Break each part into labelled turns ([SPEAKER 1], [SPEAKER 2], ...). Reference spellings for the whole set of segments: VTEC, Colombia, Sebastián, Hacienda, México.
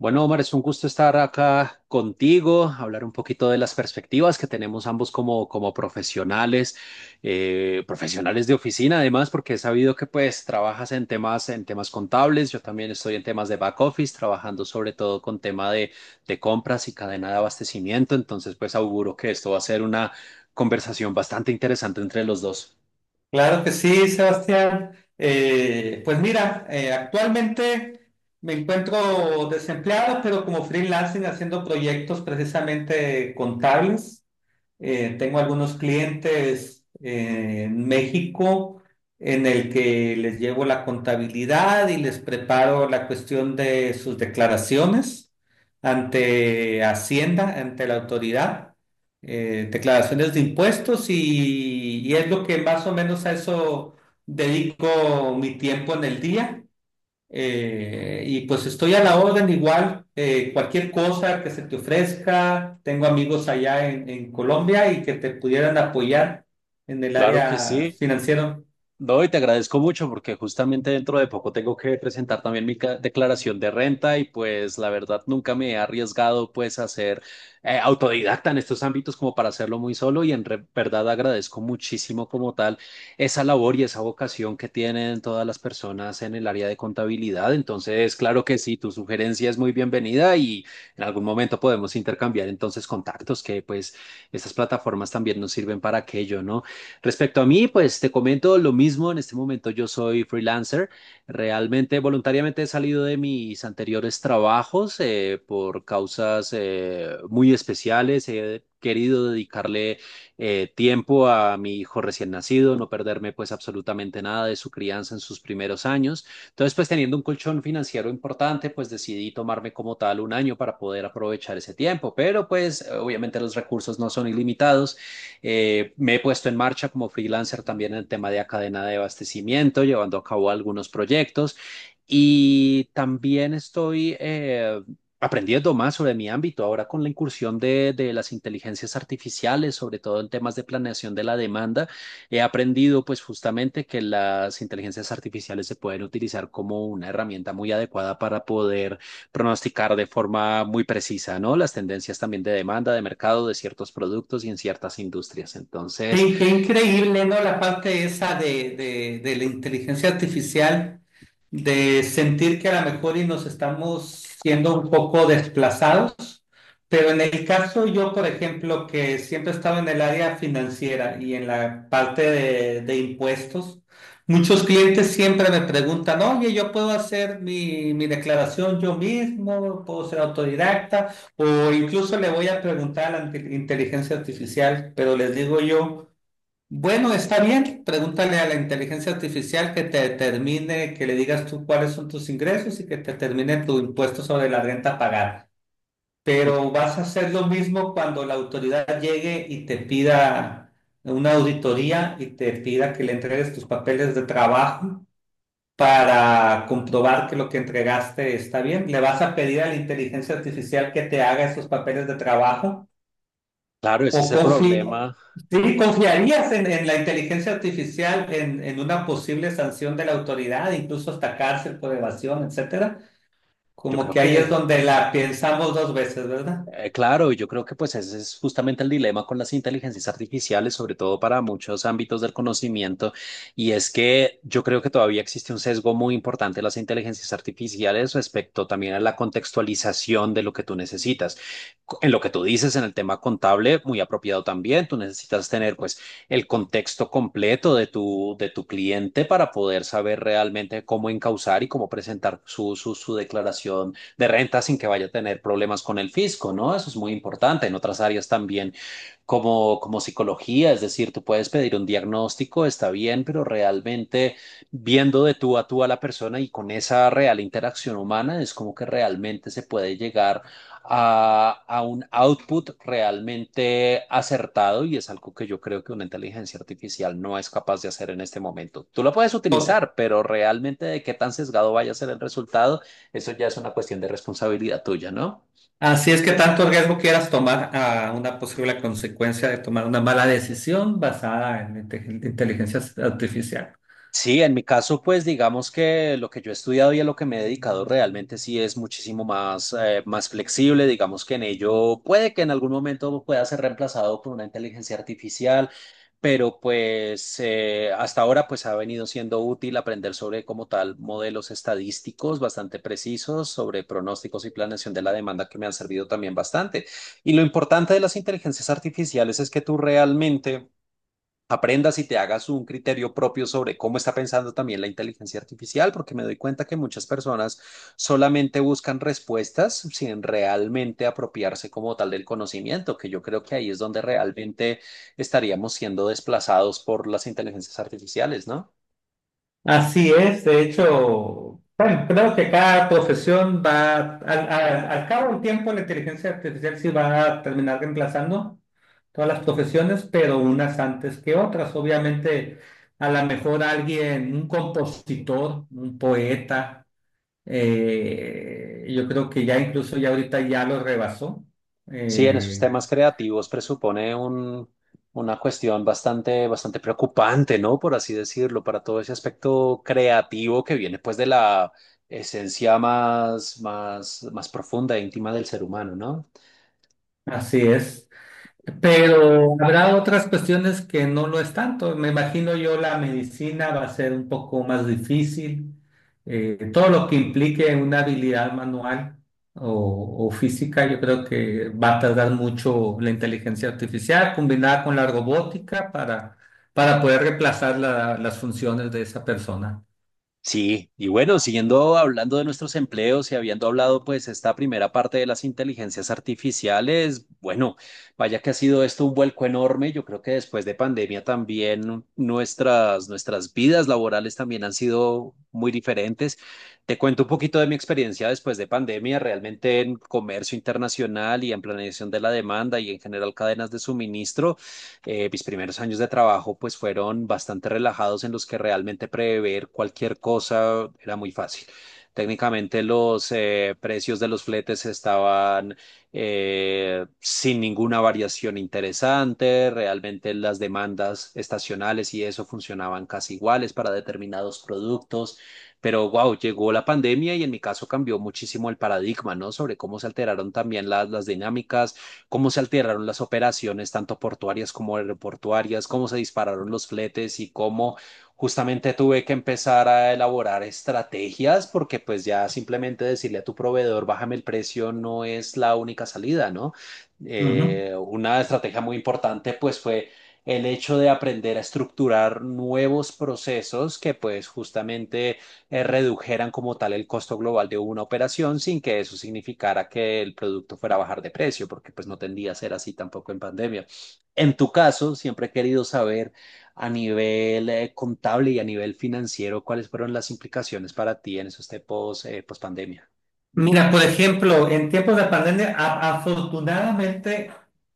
[SPEAKER 1] Bueno, Omar, es un gusto estar acá contigo, hablar un poquito de las perspectivas que tenemos ambos como profesionales, profesionales de oficina, además, porque he sabido que pues trabajas en temas contables, yo también estoy en temas de back office, trabajando sobre todo con de compras y cadena de abastecimiento, entonces pues auguro que esto va a ser una conversación bastante interesante entre los dos.
[SPEAKER 2] Claro que sí, Sebastián. Pues mira, actualmente me encuentro desempleado, pero como freelancing haciendo proyectos precisamente contables. Tengo algunos clientes en México en el que les llevo la contabilidad y les preparo la cuestión de sus declaraciones ante Hacienda, ante la autoridad, declaraciones de impuestos y es lo que más o menos a eso dedico mi tiempo en el día. Y pues estoy a la orden igual, cualquier cosa que se te ofrezca, tengo amigos allá en Colombia y que te pudieran apoyar en el
[SPEAKER 1] Claro que
[SPEAKER 2] área
[SPEAKER 1] sí.
[SPEAKER 2] financiera.
[SPEAKER 1] No, y te agradezco mucho porque justamente dentro de poco tengo que presentar también mi declaración de renta y pues la verdad nunca me he arriesgado pues a ser autodidacta en estos ámbitos como para hacerlo muy solo y en verdad agradezco muchísimo como tal esa labor y esa vocación que tienen todas las personas en el área de contabilidad. Entonces, claro que sí, tu sugerencia es muy bienvenida y en algún momento podemos intercambiar entonces contactos que pues estas plataformas también nos sirven para aquello, ¿no? Respecto a mí, pues te comento lo mismo. En este momento yo soy freelancer. Realmente, voluntariamente he salido de mis anteriores trabajos por causas muy especiales. He querido dedicarle tiempo a mi hijo recién nacido, no perderme pues absolutamente nada de su crianza en sus primeros años. Entonces, pues teniendo un colchón financiero importante, pues decidí tomarme como tal un año para poder aprovechar ese tiempo. Pero pues obviamente los recursos no son ilimitados. Me he puesto en marcha como freelancer también en el tema de cadena de abastecimiento, llevando a cabo algunos proyectos y también estoy aprendiendo más sobre mi ámbito ahora con la de las inteligencias artificiales, sobre todo en temas de planeación de la demanda, he aprendido pues justamente que las inteligencias artificiales se pueden utilizar como una herramienta muy adecuada para poder pronosticar de forma muy precisa, ¿no? Las tendencias también de demanda, de mercado, de ciertos productos y en ciertas industrias. Entonces,
[SPEAKER 2] Qué increíble, ¿no? La parte esa de la inteligencia artificial, de sentir que a lo mejor y nos estamos siendo un poco desplazados. Pero en el caso yo, por ejemplo, que siempre he estado en el área financiera y en la parte de impuestos, muchos clientes siempre me preguntan, oye, yo puedo hacer mi declaración yo mismo, puedo ser autodidacta, o incluso le voy a preguntar a la inteligencia artificial, pero les digo yo, bueno, está bien, pregúntale a la inteligencia artificial que te determine, que le digas tú cuáles son tus ingresos y que te determine tu impuesto sobre la renta pagada. Pero vas a hacer lo mismo cuando la autoridad llegue y te pida una auditoría y te pida que le entregues tus papeles de trabajo para comprobar que lo que entregaste está bien. ¿Le vas a pedir a la inteligencia artificial que te haga esos papeles de trabajo?
[SPEAKER 1] claro,
[SPEAKER 2] ¿O
[SPEAKER 1] ese es el problema.
[SPEAKER 2] confiarías en la inteligencia artificial en una posible sanción de la autoridad, incluso hasta cárcel por evasión, etcétera?
[SPEAKER 1] Yo
[SPEAKER 2] Como
[SPEAKER 1] creo
[SPEAKER 2] que ahí es
[SPEAKER 1] que
[SPEAKER 2] donde la pensamos dos veces, ¿verdad?
[SPEAKER 1] Claro, yo creo que pues ese es justamente el dilema con las inteligencias artificiales, sobre todo para muchos ámbitos del conocimiento, y es que yo creo que todavía existe un sesgo muy importante de las inteligencias artificiales respecto también a la contextualización de lo que tú necesitas. En lo que tú dices en el tema contable, muy apropiado también, tú necesitas tener pues el contexto completo de tu cliente para poder saber realmente cómo encauzar y cómo presentar su declaración de renta sin que vaya a tener problemas con el fisco, ¿no? Eso es muy importante. En otras áreas también como psicología, es decir, tú puedes pedir un diagnóstico, está bien, pero realmente viendo de tú a tú a la persona y con esa real interacción humana es como que realmente se puede llegar a un output realmente acertado y es algo que yo creo que una inteligencia artificial no es capaz de hacer en este momento. Tú lo puedes utilizar, pero realmente de qué tan sesgado vaya a ser el resultado, eso ya es una cuestión de responsabilidad tuya, ¿no?
[SPEAKER 2] Así es que tanto riesgo quieras tomar a una posible consecuencia de tomar una mala decisión basada en inteligencia artificial.
[SPEAKER 1] Sí, en mi caso, pues digamos que lo que yo he estudiado y a lo que me he dedicado realmente sí es muchísimo más, más flexible. Digamos que en ello puede que en algún momento pueda ser reemplazado por una inteligencia artificial, pero pues hasta ahora pues ha venido siendo útil aprender sobre como tal modelos estadísticos bastante precisos, sobre pronósticos y planeación de la demanda que me han servido también bastante. Y lo importante de las inteligencias artificiales es que tú realmente aprendas y te hagas un criterio propio sobre cómo está pensando también la inteligencia artificial, porque me doy cuenta que muchas personas solamente buscan respuestas sin realmente apropiarse como tal del conocimiento, que yo creo que ahí es donde realmente estaríamos siendo desplazados por las inteligencias artificiales, ¿no?
[SPEAKER 2] Así es, de hecho, bueno, creo que cada profesión va, al cabo del tiempo, la inteligencia artificial sí va a terminar reemplazando todas las profesiones, pero unas antes que otras. Obviamente, a lo mejor alguien, un compositor, un poeta. Yo creo que ya incluso ya ahorita ya lo rebasó.
[SPEAKER 1] Sí, en esos
[SPEAKER 2] Eh,
[SPEAKER 1] temas creativos presupone una cuestión bastante preocupante, ¿no? Por así decirlo, para todo ese aspecto creativo que viene pues de la esencia más profunda e íntima del ser humano, ¿no?
[SPEAKER 2] Así es. Pero habrá otras cuestiones que no lo es tanto. Me imagino yo la medicina va a ser un poco más difícil. Todo lo que implique una habilidad manual o física, yo creo que va a tardar mucho la inteligencia artificial combinada con la robótica para poder reemplazar las funciones de esa persona.
[SPEAKER 1] Sí, y bueno, siguiendo hablando de nuestros empleos y habiendo hablado pues esta primera parte de las inteligencias artificiales, bueno, vaya que ha sido esto un vuelco enorme. Yo creo que después de pandemia también nuestras vidas laborales también han sido muy diferentes. Te cuento un poquito de mi experiencia después de pandemia, realmente en comercio internacional y en planeación de la demanda y en general cadenas de suministro mis primeros años de trabajo pues fueron bastante relajados en los que realmente prever cualquier cosa era muy fácil. Técnicamente los precios de los fletes estaban sin ninguna variación interesante, realmente las demandas estacionales y eso funcionaban casi iguales para determinados productos, pero wow, llegó la pandemia y en mi caso cambió muchísimo el paradigma, ¿no? Sobre cómo se alteraron también las dinámicas, cómo se alteraron las operaciones, tanto portuarias como aeroportuarias, cómo se dispararon los fletes y cómo justamente tuve que empezar a elaborar estrategias porque pues ya simplemente decirle a tu proveedor, bájame el precio, no es la única salida, ¿no?
[SPEAKER 2] Ujú.
[SPEAKER 1] Una estrategia muy importante pues fue el hecho de aprender a estructurar nuevos procesos que pues justamente redujeran como tal el costo global de una operación sin que eso significara que el producto fuera a bajar de precio, porque pues no tendía a ser así tampoco en pandemia. En tu caso, siempre he querido saber a nivel contable y a nivel financiero cuáles fueron las implicaciones para ti en esos tiempos post pandemia.
[SPEAKER 2] Mira, por ejemplo, en tiempos de pandemia, a- afortunadamente,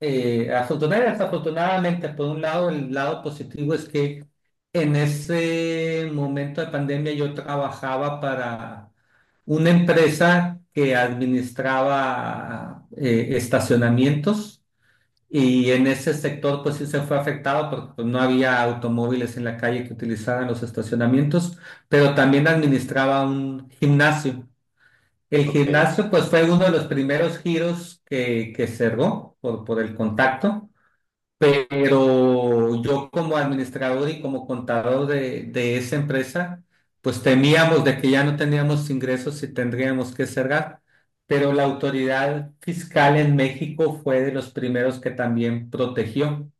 [SPEAKER 2] eh, afortunadamente, desafortunadamente, por un lado, el lado positivo es que en ese momento de pandemia yo trabajaba para una empresa que administraba estacionamientos y en ese sector pues sí se fue afectado porque pues, no había automóviles en la calle que utilizaran los estacionamientos, pero también administraba un gimnasio. El
[SPEAKER 1] Ok.
[SPEAKER 2] gimnasio, pues fue uno de los primeros giros que cerró por el contacto, pero yo como administrador y como contador de esa empresa, pues temíamos de que ya no teníamos ingresos y tendríamos que cerrar, pero la autoridad fiscal en México fue de los primeros que también protegió.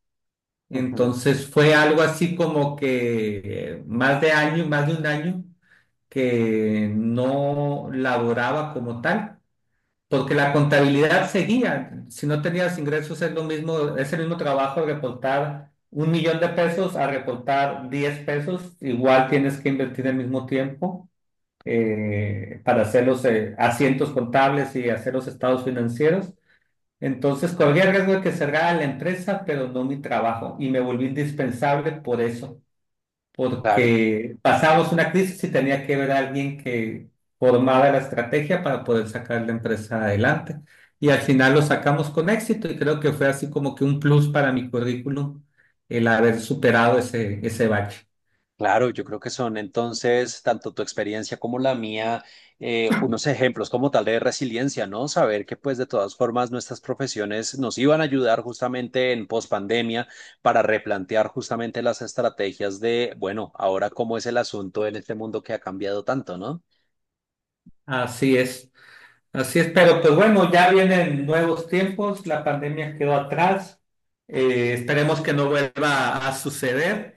[SPEAKER 1] Ujú.
[SPEAKER 2] Entonces fue algo así como que más de un año que no laboraba como tal porque la contabilidad seguía. Si no tenías ingresos, es lo mismo, es el mismo trabajo reportar $1,000,000 a reportar $10. Igual tienes que invertir el mismo tiempo para hacer los asientos contables y hacer los estados financieros. Entonces, corría el riesgo de que cerrara la empresa, pero no mi trabajo. Y me volví indispensable por eso
[SPEAKER 1] Claro.
[SPEAKER 2] porque pasamos una crisis y tenía que haber alguien que formara la estrategia para poder sacar la empresa adelante. Y al final lo sacamos con éxito y creo que fue así como que un plus para mi currículum el haber superado ese bache.
[SPEAKER 1] Claro, yo creo que son entonces, tanto tu experiencia como la mía, unos ejemplos como tal de resiliencia, ¿no? Saber que pues de todas formas nuestras profesiones nos iban a ayudar justamente en pospandemia para replantear justamente las estrategias de, bueno, ahora cómo es el asunto en este mundo que ha cambiado tanto, ¿no?
[SPEAKER 2] Así es. Así es, pero pues bueno, ya vienen nuevos tiempos, la pandemia quedó atrás, esperemos que no vuelva a suceder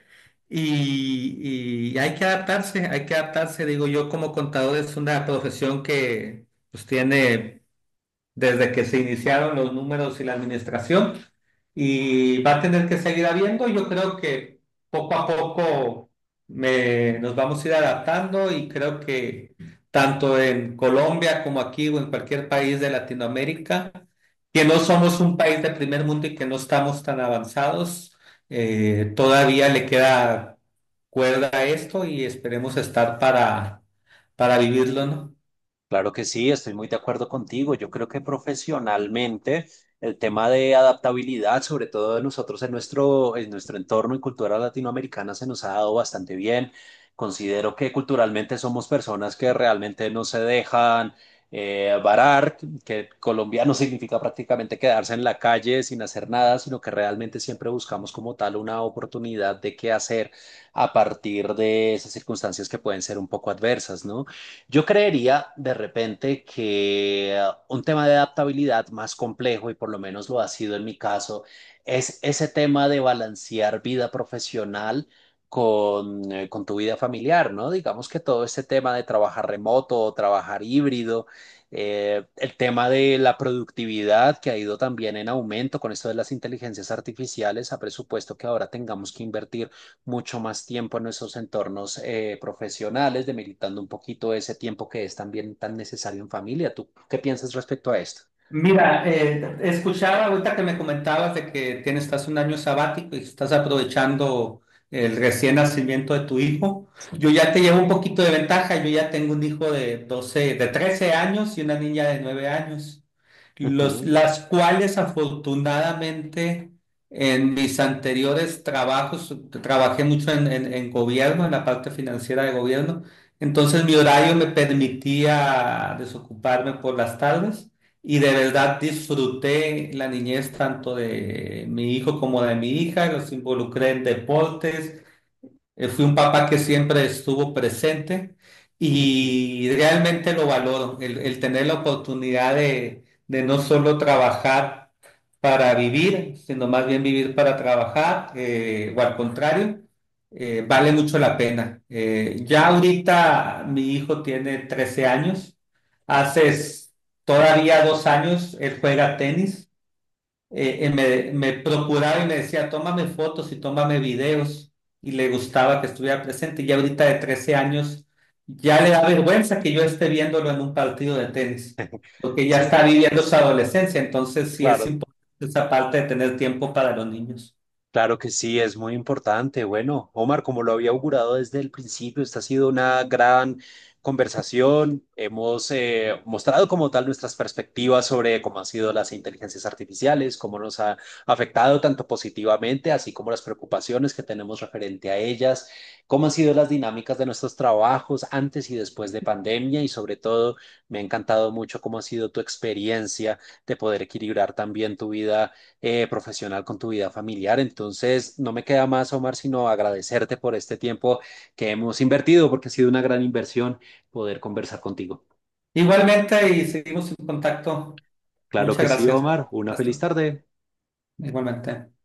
[SPEAKER 2] y hay que adaptarse, digo yo como contador es una profesión que pues tiene desde que se iniciaron los números y la administración y va a tener que seguir habiendo. Yo creo que poco a poco nos vamos a ir adaptando y creo que tanto en Colombia como aquí o en cualquier país de Latinoamérica, que no somos un país de primer mundo y que no estamos tan avanzados, todavía le queda cuerda a esto y esperemos estar para vivirlo, ¿no?
[SPEAKER 1] Claro que sí, estoy muy de acuerdo contigo. Yo creo que profesionalmente el tema de adaptabilidad, sobre todo de nosotros en en nuestro entorno y cultura latinoamericana, se nos ha dado bastante bien. Considero que culturalmente somos personas que realmente no se dejan varar, que colombiano significa prácticamente quedarse en la calle sin hacer nada, sino que realmente siempre buscamos como tal una oportunidad de qué hacer a partir de esas circunstancias que pueden ser un poco adversas, ¿no? Yo creería de repente que un tema de adaptabilidad más complejo, y por lo menos lo ha sido en mi caso, es ese tema de balancear vida profesional con tu vida familiar, ¿no? Digamos que todo ese tema de trabajar remoto o trabajar híbrido, el tema de la productividad que ha ido también en aumento con esto de las inteligencias artificiales, ha presupuesto que ahora tengamos que invertir mucho más tiempo en nuestros entornos profesionales, demeritando un poquito ese tiempo que es también tan necesario en familia. ¿Tú qué piensas respecto a esto?
[SPEAKER 2] Mira, escuchaba ahorita que me comentabas de que tienes, estás un año sabático y estás aprovechando el recién nacimiento de tu hijo. Yo ya te llevo un poquito de ventaja, yo ya tengo un hijo de 12, de 13 años y una niña de 9 años, los,
[SPEAKER 1] Ujú,
[SPEAKER 2] las cuales afortunadamente en mis anteriores trabajos, trabajé mucho en, en gobierno, en la parte financiera de gobierno, entonces mi horario me permitía desocuparme por las tardes. Y de verdad disfruté la niñez tanto de mi hijo como de mi hija, los involucré en deportes, fui un papá que siempre estuvo presente
[SPEAKER 1] ujú.
[SPEAKER 2] y realmente lo valoro, el tener la oportunidad de no solo trabajar para vivir, sino más bien vivir para trabajar, o al contrario, vale mucho la pena. Ya ahorita mi hijo tiene 13 años, hace s- todavía 2 años él juega tenis me procuraba y me decía, tómame fotos y tómame videos, y le gustaba que estuviera presente. Y ahorita de 13 años ya le da vergüenza que yo esté viéndolo en un partido de tenis, porque ya
[SPEAKER 1] Su-
[SPEAKER 2] está viviendo su adolescencia, entonces sí es
[SPEAKER 1] claro.
[SPEAKER 2] importante esa parte de tener tiempo para los niños.
[SPEAKER 1] Claro que sí, es muy importante. Bueno, Omar, como lo había augurado desde el principio, esta ha sido una gran conversación. Hemos mostrado como tal nuestras perspectivas sobre cómo han sido las inteligencias artificiales, cómo nos ha afectado tanto positivamente, así como las preocupaciones que tenemos referente a ellas, cómo han sido las dinámicas de nuestros trabajos antes y después de pandemia y sobre todo me ha encantado mucho cómo ha sido tu experiencia de poder equilibrar también tu vida profesional, con tu vida familiar. Entonces, no me queda más, Omar, sino agradecerte por este tiempo que hemos invertido, porque ha sido una gran inversión poder conversar contigo.
[SPEAKER 2] Igualmente, y seguimos en contacto.
[SPEAKER 1] Claro
[SPEAKER 2] Muchas
[SPEAKER 1] que sí,
[SPEAKER 2] gracias.
[SPEAKER 1] Omar. Una feliz
[SPEAKER 2] Hasta.
[SPEAKER 1] tarde.
[SPEAKER 2] Igualmente.